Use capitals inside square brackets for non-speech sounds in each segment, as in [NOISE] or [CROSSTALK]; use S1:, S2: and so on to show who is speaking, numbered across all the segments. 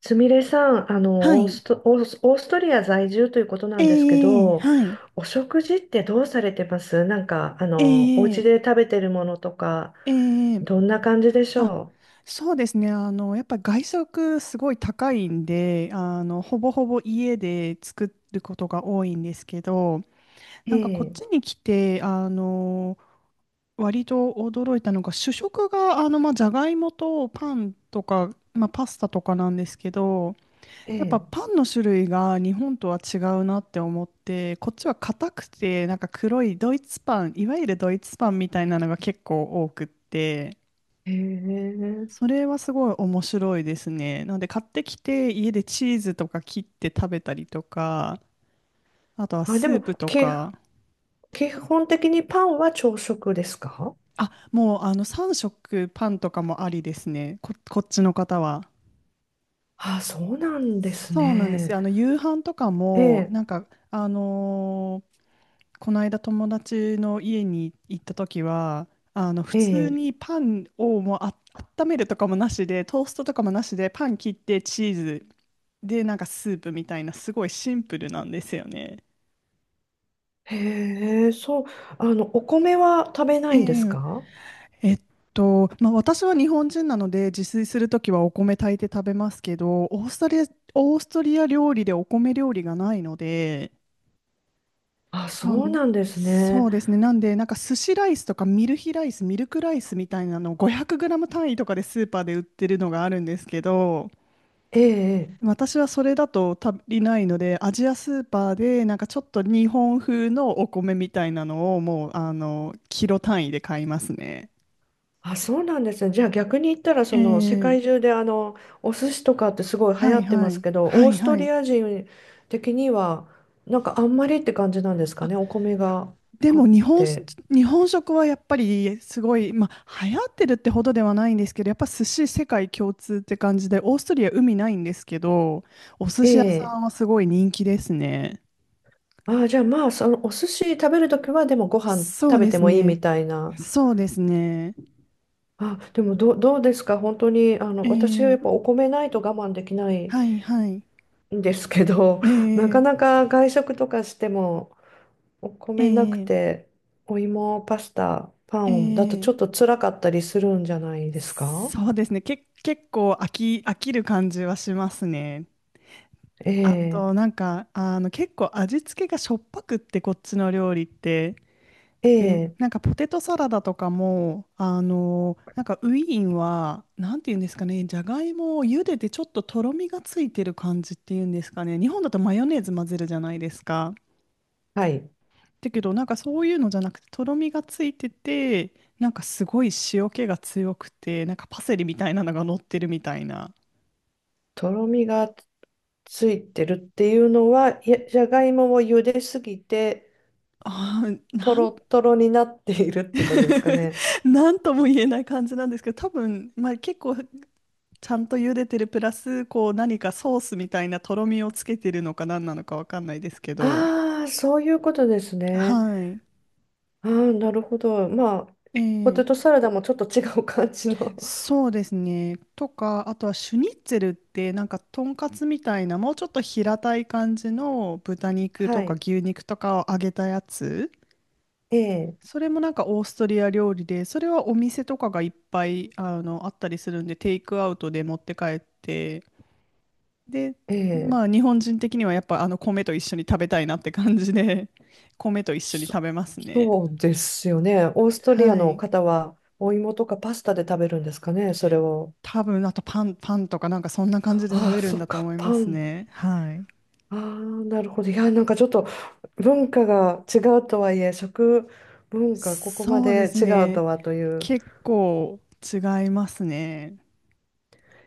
S1: すみれさん、
S2: はい。
S1: オーストリア在住ということな
S2: え
S1: んですけ
S2: え
S1: ど、
S2: はい。
S1: お食事ってどうされてます。なんか、お
S2: え
S1: 家
S2: え
S1: で食べてるものとか、
S2: ええ
S1: どんな感じでし
S2: あ、
S1: ょ
S2: そうですね。あの、やっぱり外食すごい高いんで、あの、ほぼほぼ家で作ることが多いんですけど、
S1: う？
S2: なんか
S1: え
S2: こっ
S1: え、
S2: ちに来て、あの、割と驚いたのが、主食が、あの、まあ、じゃがいもとパンとか、まあ、パスタとかなんですけど、やっぱ
S1: え
S2: パンの種類が日本とは違うなって思って、こっちは硬くて、なんか黒いドイツパン、いわゆるドイツパンみたいなのが結構多くって、
S1: え、へ
S2: そ
S1: え。
S2: れはすごい面白いですね。なので買ってきて家でチーズとか切って食べたりとか、あとは
S1: あ、で
S2: スー
S1: も、
S2: プとか、
S1: 基本的にパンは朝食ですか？
S2: あ、もうあの3食パンとかもありですね、こっちの方は。
S1: あ、そうなんです
S2: そうなんです
S1: ね。
S2: よ。あの夕飯とか
S1: え
S2: も、
S1: え、
S2: なんか、あのこの間友達の家に行った時はあの普
S1: え
S2: 通
S1: え、
S2: にパンをもうあ温めるとかもなしでトーストとかもなしでパン切ってチーズでなんかスープみたいなすごいシンプルなんですよね。
S1: へえ、そう、お米は食べな
S2: え
S1: いんです
S2: え
S1: か？
S2: えっまあ、私は日本人なので自炊するときはお米炊いて食べますけどオーストリア料理でお米料理がないので
S1: あ、
S2: な
S1: そう
S2: ん
S1: なんです
S2: そ
S1: ね。
S2: うですね。なんで、なんか寿司ライスとかミルヒライス、ミルクライスみたいなのを500ム単位とかでスーパーで売ってるのがあるんですけど、
S1: ええ、え。
S2: 私はそれだと足りないので、アジアスーパーでなんかちょっと日本風のお米みたいなのをもう、あの、キロ単位で買いますね。
S1: あ、そうなんですね。じゃあ逆に言ったら、
S2: え
S1: その世
S2: ー、
S1: 界中でお寿司とかってすごい流
S2: は
S1: 行
S2: い
S1: って
S2: は
S1: ます
S2: い。
S1: けど、
S2: は
S1: オー
S2: い
S1: スト
S2: はい。
S1: リア人的にはなんかあんまりって感じなんですかね。お米が
S2: で
S1: あ
S2: も
S1: っ
S2: 日本し、
S1: て。
S2: 日本食はやっぱりすごい、まあ、流行ってるってほどではないんですけど、やっぱ寿司世界共通って感じで、オーストリア海ないんですけど、お寿
S1: え
S2: 司屋さ
S1: え。
S2: んはすごい人気ですね。
S1: あ、じゃあまあ、そのお寿司食べるときはでもご飯
S2: そう
S1: 食べ
S2: で
S1: て
S2: す
S1: もいい
S2: ね。
S1: みたいな。
S2: そうですね。
S1: あ、でもどうですか？本当に
S2: え
S1: 私はや
S2: ー、
S1: っぱお米ないと我慢できない
S2: はいはい。
S1: んですけど、
S2: え
S1: [LAUGHS] なか
S2: ー、
S1: なか外食とかしても。お
S2: え
S1: 米なく
S2: ー、
S1: て、お芋、パスタ、パ
S2: え
S1: ンだと
S2: ー、
S1: ちょっと辛かったりするんじゃないですか？
S2: そうですね。け、結構飽き、飽きる感じはしますね。
S1: え
S2: あ
S1: え、
S2: と、なんか、あの、結構味付けがしょっぱくって、こっちの料理って。
S1: え
S2: え、
S1: え、
S2: なんかポテトサラダとかも、あのなんかウィーンは、なんていうんですかね、じゃがいもを茹でてちょっととろみがついてる感じっていうんですかね、日本だとマヨネーズ混ぜるじゃないですか。
S1: はい。
S2: だけど、なんかそういうのじゃなくて、とろみがついてて、なんかすごい塩気が強くて、なんかパセリみたいなのが乗ってるみたいな。
S1: とろみがついてるっていうのは、いやじゃがいもを茹ですぎて、
S2: ああ、
S1: と
S2: なん、
S1: ろっとろになっているってことですか
S2: [LAUGHS]
S1: ね？
S2: なんとも言えない感じなんですけど、多分、まあ、結構ちゃんと茹でてるプラス、こう何かソースみたいなとろみをつけてるのか何なのかわかんないですけど。
S1: ああ、そういうことですね。
S2: はい。
S1: ああ、なるほど。まあ、ポ
S2: え
S1: テト
S2: え
S1: サラダもちょっと違う感じの。
S2: そうですね。とか、あとはシュニッツェルってなんかとんかつみたいな、もうちょっと平たい感じの豚
S1: [LAUGHS]
S2: 肉と
S1: は
S2: か
S1: い。
S2: 牛肉とかを揚げたやつ。
S1: ええ、
S2: それもなんかオーストリア料理で、それはお店とかがいっぱいあの、あったりするんで、テイクアウトで持って帰ってで、
S1: ええ。
S2: まあ日本人的にはやっぱあの米と一緒に食べたいなって感じで、[LAUGHS] 米と一緒に
S1: そ
S2: 食べますね。
S1: そうですよね。オーストリア
S2: は
S1: の
S2: い。
S1: 方はお芋とかパスタで食べるんですかね、それを。
S2: 多分あとパンとかなんかそんな感じで食
S1: あ
S2: べ
S1: あ、
S2: る
S1: そ
S2: ん
S1: っ
S2: だと
S1: か、
S2: 思い
S1: パ
S2: ます
S1: ン。
S2: ね。はい。
S1: ああ、なるほど。いや、なんかちょっと文化が違うとはいえ、食文化ここま
S2: そうで
S1: で
S2: す
S1: 違う
S2: ね。
S1: とはという。
S2: 結構違いますね。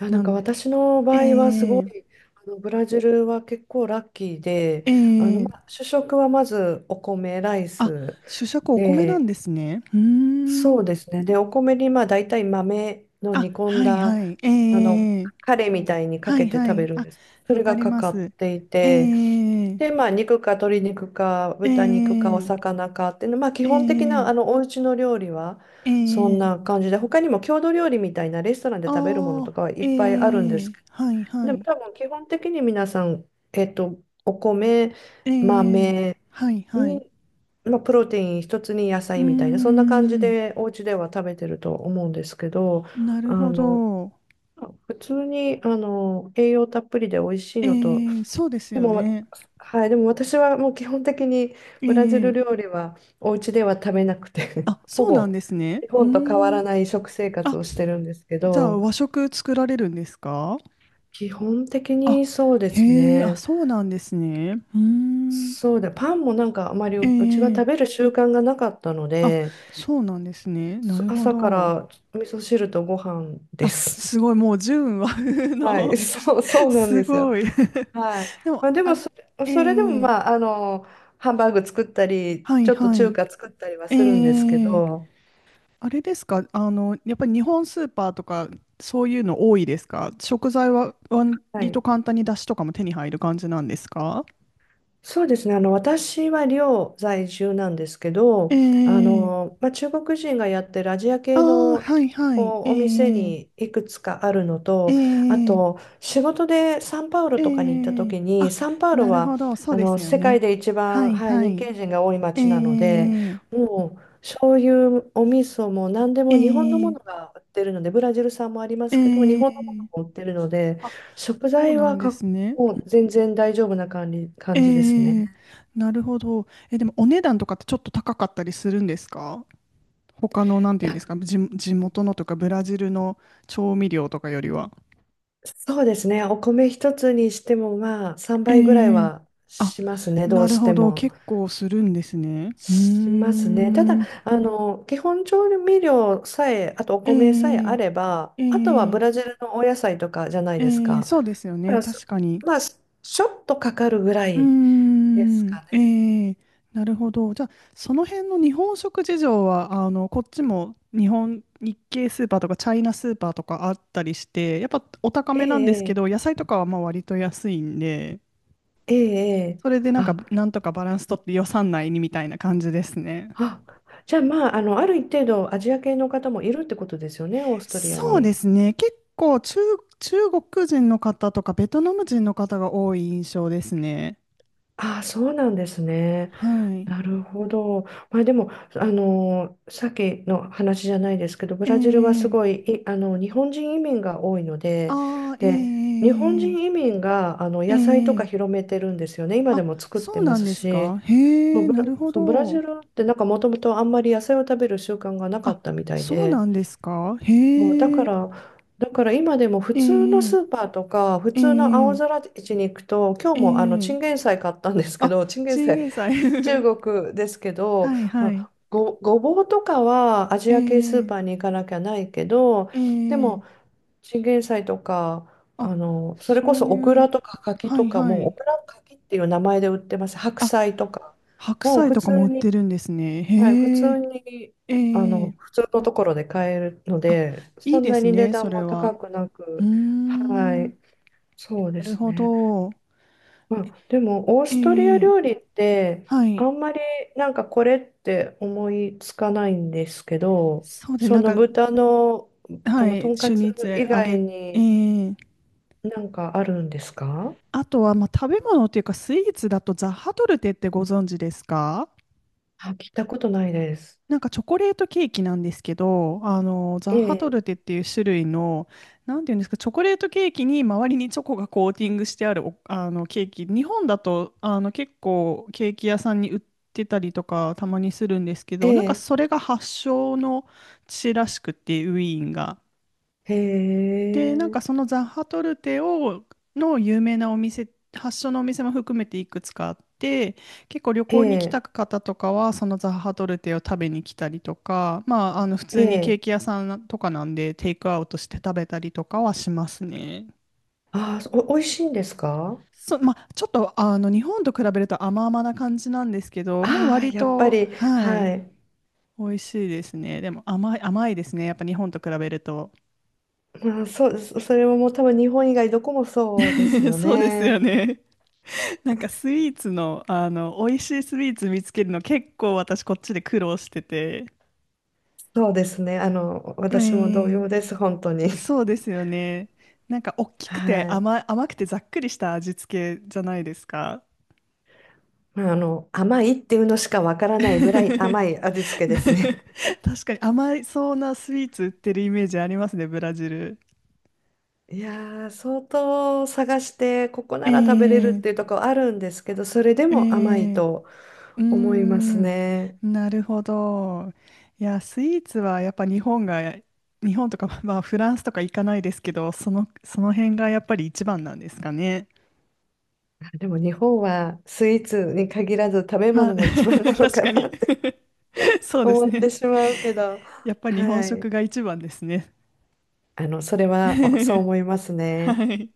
S1: いや、な
S2: な
S1: んか
S2: んで、
S1: 私の
S2: え
S1: 場合はすご
S2: え
S1: い、ブラジルは結構ラッキーで、
S2: え
S1: ま
S2: え
S1: あ、主食はまずお米、ライ
S2: あ、
S1: ス
S2: 主食お米なん
S1: で、
S2: ですね。うー
S1: そ
S2: ん。
S1: うですね。で、お米にまあ大体豆の
S2: あ、
S1: 煮込ん
S2: はい
S1: だ
S2: はい。え
S1: あの
S2: え
S1: カレーみたいにか
S2: は
S1: け
S2: い
S1: て
S2: は
S1: 食べ
S2: い。
S1: るん
S2: あ、
S1: です。そ
S2: わ
S1: れ
S2: か
S1: が
S2: り
S1: か
S2: ま
S1: かっ
S2: す。
S1: てい
S2: え
S1: て、
S2: え
S1: で、まあ肉か鶏肉か
S2: ええ
S1: 豚肉かお魚かっていうの、まあ基本的な
S2: ええ
S1: お家の料理は
S2: え
S1: そんな
S2: え
S1: 感じで、他にも郷土料理みたいなレストランで食べるもの
S2: あ
S1: と
S2: あ、
S1: かはいっぱいあるんで
S2: え
S1: す
S2: え
S1: けど。
S2: はいは
S1: でも
S2: い。
S1: 多分基本的に皆さん、えっと、お米、
S2: ええ
S1: 豆
S2: はいはい。
S1: にまあ、プロテイン一つに野
S2: うー
S1: 菜みたいな、そんな感じ
S2: ん、
S1: でお家では食べてると思うんですけど、
S2: なる
S1: あ
S2: ほ
S1: の、
S2: ど。
S1: 普通に、栄養たっぷりで美味しいのと、
S2: ええそうです
S1: で
S2: よ
S1: も、
S2: ね。
S1: はい、でも私はもう基本的にブラジ
S2: え
S1: ル
S2: え
S1: 料理はお家では食べなくて、
S2: あ、
S1: [LAUGHS] ほ
S2: そうなん
S1: ぼ
S2: ですね。
S1: 日
S2: う
S1: 本と変わ
S2: ーん。
S1: らない食生活
S2: あ、
S1: をしてるんですけ
S2: じゃあ
S1: ど、
S2: 和食作られるんですか？
S1: 基本的
S2: あ、
S1: にそうです
S2: へえ、あ、
S1: ね。
S2: そうなんですね。うーん。
S1: そうだ、パンもなんかあまり
S2: え
S1: うちは
S2: え
S1: 食べる習慣がなかったの
S2: あ、
S1: で、
S2: そうなんですね。な
S1: そ
S2: るほ
S1: 朝か
S2: ど。
S1: ら味噌汁とご飯で
S2: あ、
S1: す。
S2: すごい、もう純和風
S1: [LAUGHS] はい、[LAUGHS]
S2: の。
S1: そう、そ
S2: [LAUGHS]
S1: うなんで
S2: す
S1: すよ。
S2: ごい。
S1: はい。
S2: [LAUGHS] でも、
S1: まあ、で
S2: あ、
S1: もそれ、
S2: え
S1: それでも
S2: え
S1: まあ、ハンバーグ作ったり、
S2: はい
S1: ちょっと
S2: は
S1: 中
S2: い。
S1: 華作ったりはするんですけ
S2: ええ
S1: ど、
S2: あれですか、あの、やっぱり日本スーパーとか、そういうの多いですか？食材は
S1: は
S2: 割と
S1: い。
S2: 簡単に出汁とかも手に入る感じなんですか？
S1: そうですね。私は寮在住なんですけど、
S2: ええ
S1: まあ、中国人がやってるアジア
S2: ああ
S1: 系
S2: ー、
S1: の
S2: はいはい。え
S1: お店に
S2: え
S1: いくつかあるの
S2: え
S1: と、あ
S2: え
S1: と仕事でサンパウロ
S2: え
S1: とかに行った
S2: え
S1: 時に、
S2: あ、
S1: サンパウロ
S2: なるほ
S1: は
S2: ど、そうですよ
S1: 世界
S2: ね。
S1: で一
S2: は
S1: 番、
S2: い
S1: はい、
S2: は
S1: 日
S2: い。
S1: 系人が多い
S2: え
S1: 街なので、
S2: え
S1: もうそういうお味噌も何で
S2: え
S1: も日本のもの
S2: え
S1: が売ってるので、ブラジル産もありますけど、日
S2: え
S1: 本のも
S2: え
S1: のも売ってるので、
S2: あ、
S1: 食
S2: そう
S1: 材
S2: な
S1: は
S2: んですね。
S1: もう全然大丈夫な感じ、
S2: え
S1: 感じです
S2: え
S1: ね。
S2: なるほど。え、でもお値段とかってちょっと高かったりするんですか？他の、なんていうんですか、地元のとかブラジルの調味料とかよりは。
S1: そうですね。お米一つにしてもまあ3
S2: え
S1: 倍ぐらい
S2: え
S1: は
S2: あ、
S1: しますね。ど
S2: な
S1: う
S2: る
S1: して
S2: ほど。
S1: も。
S2: 結構するんですね。うー
S1: しますね。ただ、
S2: ん。
S1: 基本調味料さえ、あとお米さえあ
S2: え
S1: れば、
S2: え
S1: あとはブ
S2: え
S1: ラ
S2: え
S1: ジルのお野菜とかじゃない
S2: え
S1: です
S2: え
S1: か。
S2: そうですよ
S1: だか
S2: ね。
S1: ら
S2: 確かに。
S1: まあ、ちょっとかかるぐら
S2: うー
S1: いです
S2: ん、
S1: かね。
S2: ええ、なるほど。じゃあ、その辺の日本食事情は、あの、こっちも日本、日系スーパーとかチャイナスーパーとかあったりして、やっぱお高
S1: え
S2: めなんですけ
S1: え、
S2: ど、野菜とかはまあ割と安いんで、
S1: ええ、ええ。
S2: それでなんか、
S1: あ、
S2: なんとかバランス取って予算内にみたいな感じですね。
S1: あ、じゃあまあ、ある一定度アジア系の方もいるってことですよね、オーストリア
S2: そうで
S1: に。
S2: すね。結構中、中国人の方とかベトナム人の方が多い印象ですね。
S1: ああ、そうなんですね。
S2: はい。
S1: なるほど。まあ、でも、あのさっきの話じゃないですけど、ブ
S2: ええ、
S1: ラジルはすごい、日本人移民が多いので、
S2: ああ、え
S1: で、日本
S2: え、
S1: 人移民が、
S2: え
S1: 野菜とか
S2: え、ええ
S1: 広めてるんですよね。今で
S2: あ、
S1: も作っ
S2: そ
S1: て
S2: う
S1: ま
S2: なん
S1: す
S2: です
S1: し、
S2: か。
S1: も
S2: へ
S1: う
S2: え、なるほ
S1: そう、ブラジ
S2: ど。
S1: ルってなんかもともとあんまり野菜を食べる習慣がなか
S2: あ、
S1: ったみたい
S2: そうな
S1: で、
S2: んですか。
S1: もうだ
S2: へ
S1: か
S2: え、
S1: ら、だから今でも普
S2: え
S1: 通の
S2: え、
S1: スーパーとか、普
S2: え
S1: 通の青
S2: え、
S1: 空市に行くと、今日
S2: え
S1: もチ
S2: え。
S1: ンゲン菜買ったんですけ
S2: あ、
S1: ど、[LAUGHS] チンゲン
S2: チン
S1: 菜、
S2: ゲン菜。[LAUGHS]
S1: 中国ですけど、
S2: はい
S1: ま
S2: はい。
S1: あ、ごぼうとかはアジ
S2: え
S1: ア系スー
S2: え、
S1: パーに行かなきゃないけど、
S2: え
S1: で
S2: え。
S1: もチンゲン菜とか、
S2: あ、
S1: それこ
S2: そ
S1: そ
S2: う
S1: オク
S2: い
S1: ラ
S2: う、
S1: とか柿
S2: は
S1: と
S2: い
S1: か
S2: は
S1: も、オ
S2: い。
S1: クラ柿っていう名前で売ってます。白
S2: あ、
S1: 菜とか。
S2: 白
S1: もう
S2: 菜
S1: 普
S2: とかも
S1: 通
S2: 売っ
S1: に
S2: てるんですね。
S1: はい、普
S2: へ
S1: 通
S2: え、
S1: に、
S2: ええ。
S1: 普通のところで買えるの
S2: あ、
S1: で、
S2: いい
S1: そん
S2: で
S1: な
S2: す
S1: に値
S2: ね、そ
S1: 段
S2: れ
S1: も高
S2: は。
S1: くな
S2: うー
S1: く、は
S2: ん、な
S1: い、そうで
S2: る
S1: す
S2: ほ
S1: ね。
S2: ど。
S1: まあ、でも、オー
S2: え
S1: ストリア
S2: え、
S1: 料理って、
S2: は
S1: あ
S2: い。
S1: んまりなんかこれって思いつかないんですけど、
S2: そうで、
S1: そ
S2: なん
S1: の
S2: か
S1: 豚の、
S2: は
S1: と
S2: い、
S1: んか
S2: シュ
S1: つ
S2: ニッツェ
S1: 以
S2: 揚
S1: 外
S2: げ、え
S1: に
S2: ー、
S1: なんかあるんですか？
S2: あとは、まあ、食べ物っていうかスイーツだとザッハトルテってご存知ですか？
S1: あ、聞いたことないです。
S2: なんかチョコレートケーキなんですけど、あのザ
S1: え
S2: ッハト
S1: え、
S2: ルテっていう種類の、なんていうんですか、チョコレートケーキに周りにチョコがコーティングしてあるおあのケーキ、日本だとあの結構ケーキ屋さんに売ってたりとかたまにするんですけ
S1: え
S2: ど、なんか
S1: え、
S2: それが発祥の地らしくて、ウィーンが。
S1: へ
S2: で、なん
S1: え、
S2: かそのザッハトルテを、の有名なお店、発祥のお店も含めていくつかあって、結構旅
S1: え
S2: 行に来
S1: え、
S2: た方とかは、そのザッハトルテを食べに来たりとか、まあ、あの普
S1: え
S2: 通にケー
S1: え、
S2: キ屋さんとかなんで、テイクアウトして食べたりとかはしますね。
S1: ああ、おいしいんですか？
S2: そ、まあ、ちょっとあの日本と比べると甘々な感じなんですけど、まあ、
S1: ああ、
S2: 割
S1: やっぱ
S2: と、
S1: り、
S2: はい、
S1: はい。
S2: 美味しいですね。でも甘い、甘いですね。やっぱ日本と比べると。
S1: まあ、そう、それはもう多分日本以外どこもそうです
S2: [LAUGHS]
S1: よ
S2: そうですよ
S1: ね。
S2: ね。なんかスイーツの、あの、美味しいスイーツ見つけるの結構私こっちで苦労してて。
S1: そうですね。
S2: え
S1: 私も同
S2: ー
S1: 様です、本当に。
S2: そうですよね。なんか大
S1: [LAUGHS]
S2: きくて
S1: はい。
S2: 甘、甘くてざっくりした味付けじゃないですか。
S1: まあ、甘いっていうのしかわからないぐらい甘い
S2: [LAUGHS]
S1: 味付けですね。
S2: 確かに甘いそうなスイーツ売ってるイメージありますね、ブラジル。
S1: [LAUGHS] いやー、相当探して、ここなら食べれるっ
S2: え
S1: ていう
S2: え
S1: ところあるんですけど、それで
S2: え
S1: も甘い
S2: え
S1: と
S2: うー
S1: 思います
S2: ん、
S1: ね。
S2: なるほど。いや、スイーツはやっぱ日本が、日本とか、[LAUGHS] まあフランスとか行かないですけど、その、その辺がやっぱり一番なんですかね。
S1: あでも日本はスイーツに限らず食べ
S2: まあ、
S1: 物も一番な
S2: [LAUGHS]
S1: の
S2: 確
S1: か
S2: か
S1: な
S2: に。
S1: って
S2: [LAUGHS]
S1: [LAUGHS]
S2: そうです
S1: 思って
S2: ね。
S1: しまうけど。
S2: やっぱ日本
S1: はい。
S2: 食が一番ですね。
S1: それはそう
S2: [LAUGHS]
S1: 思いますね。
S2: はい。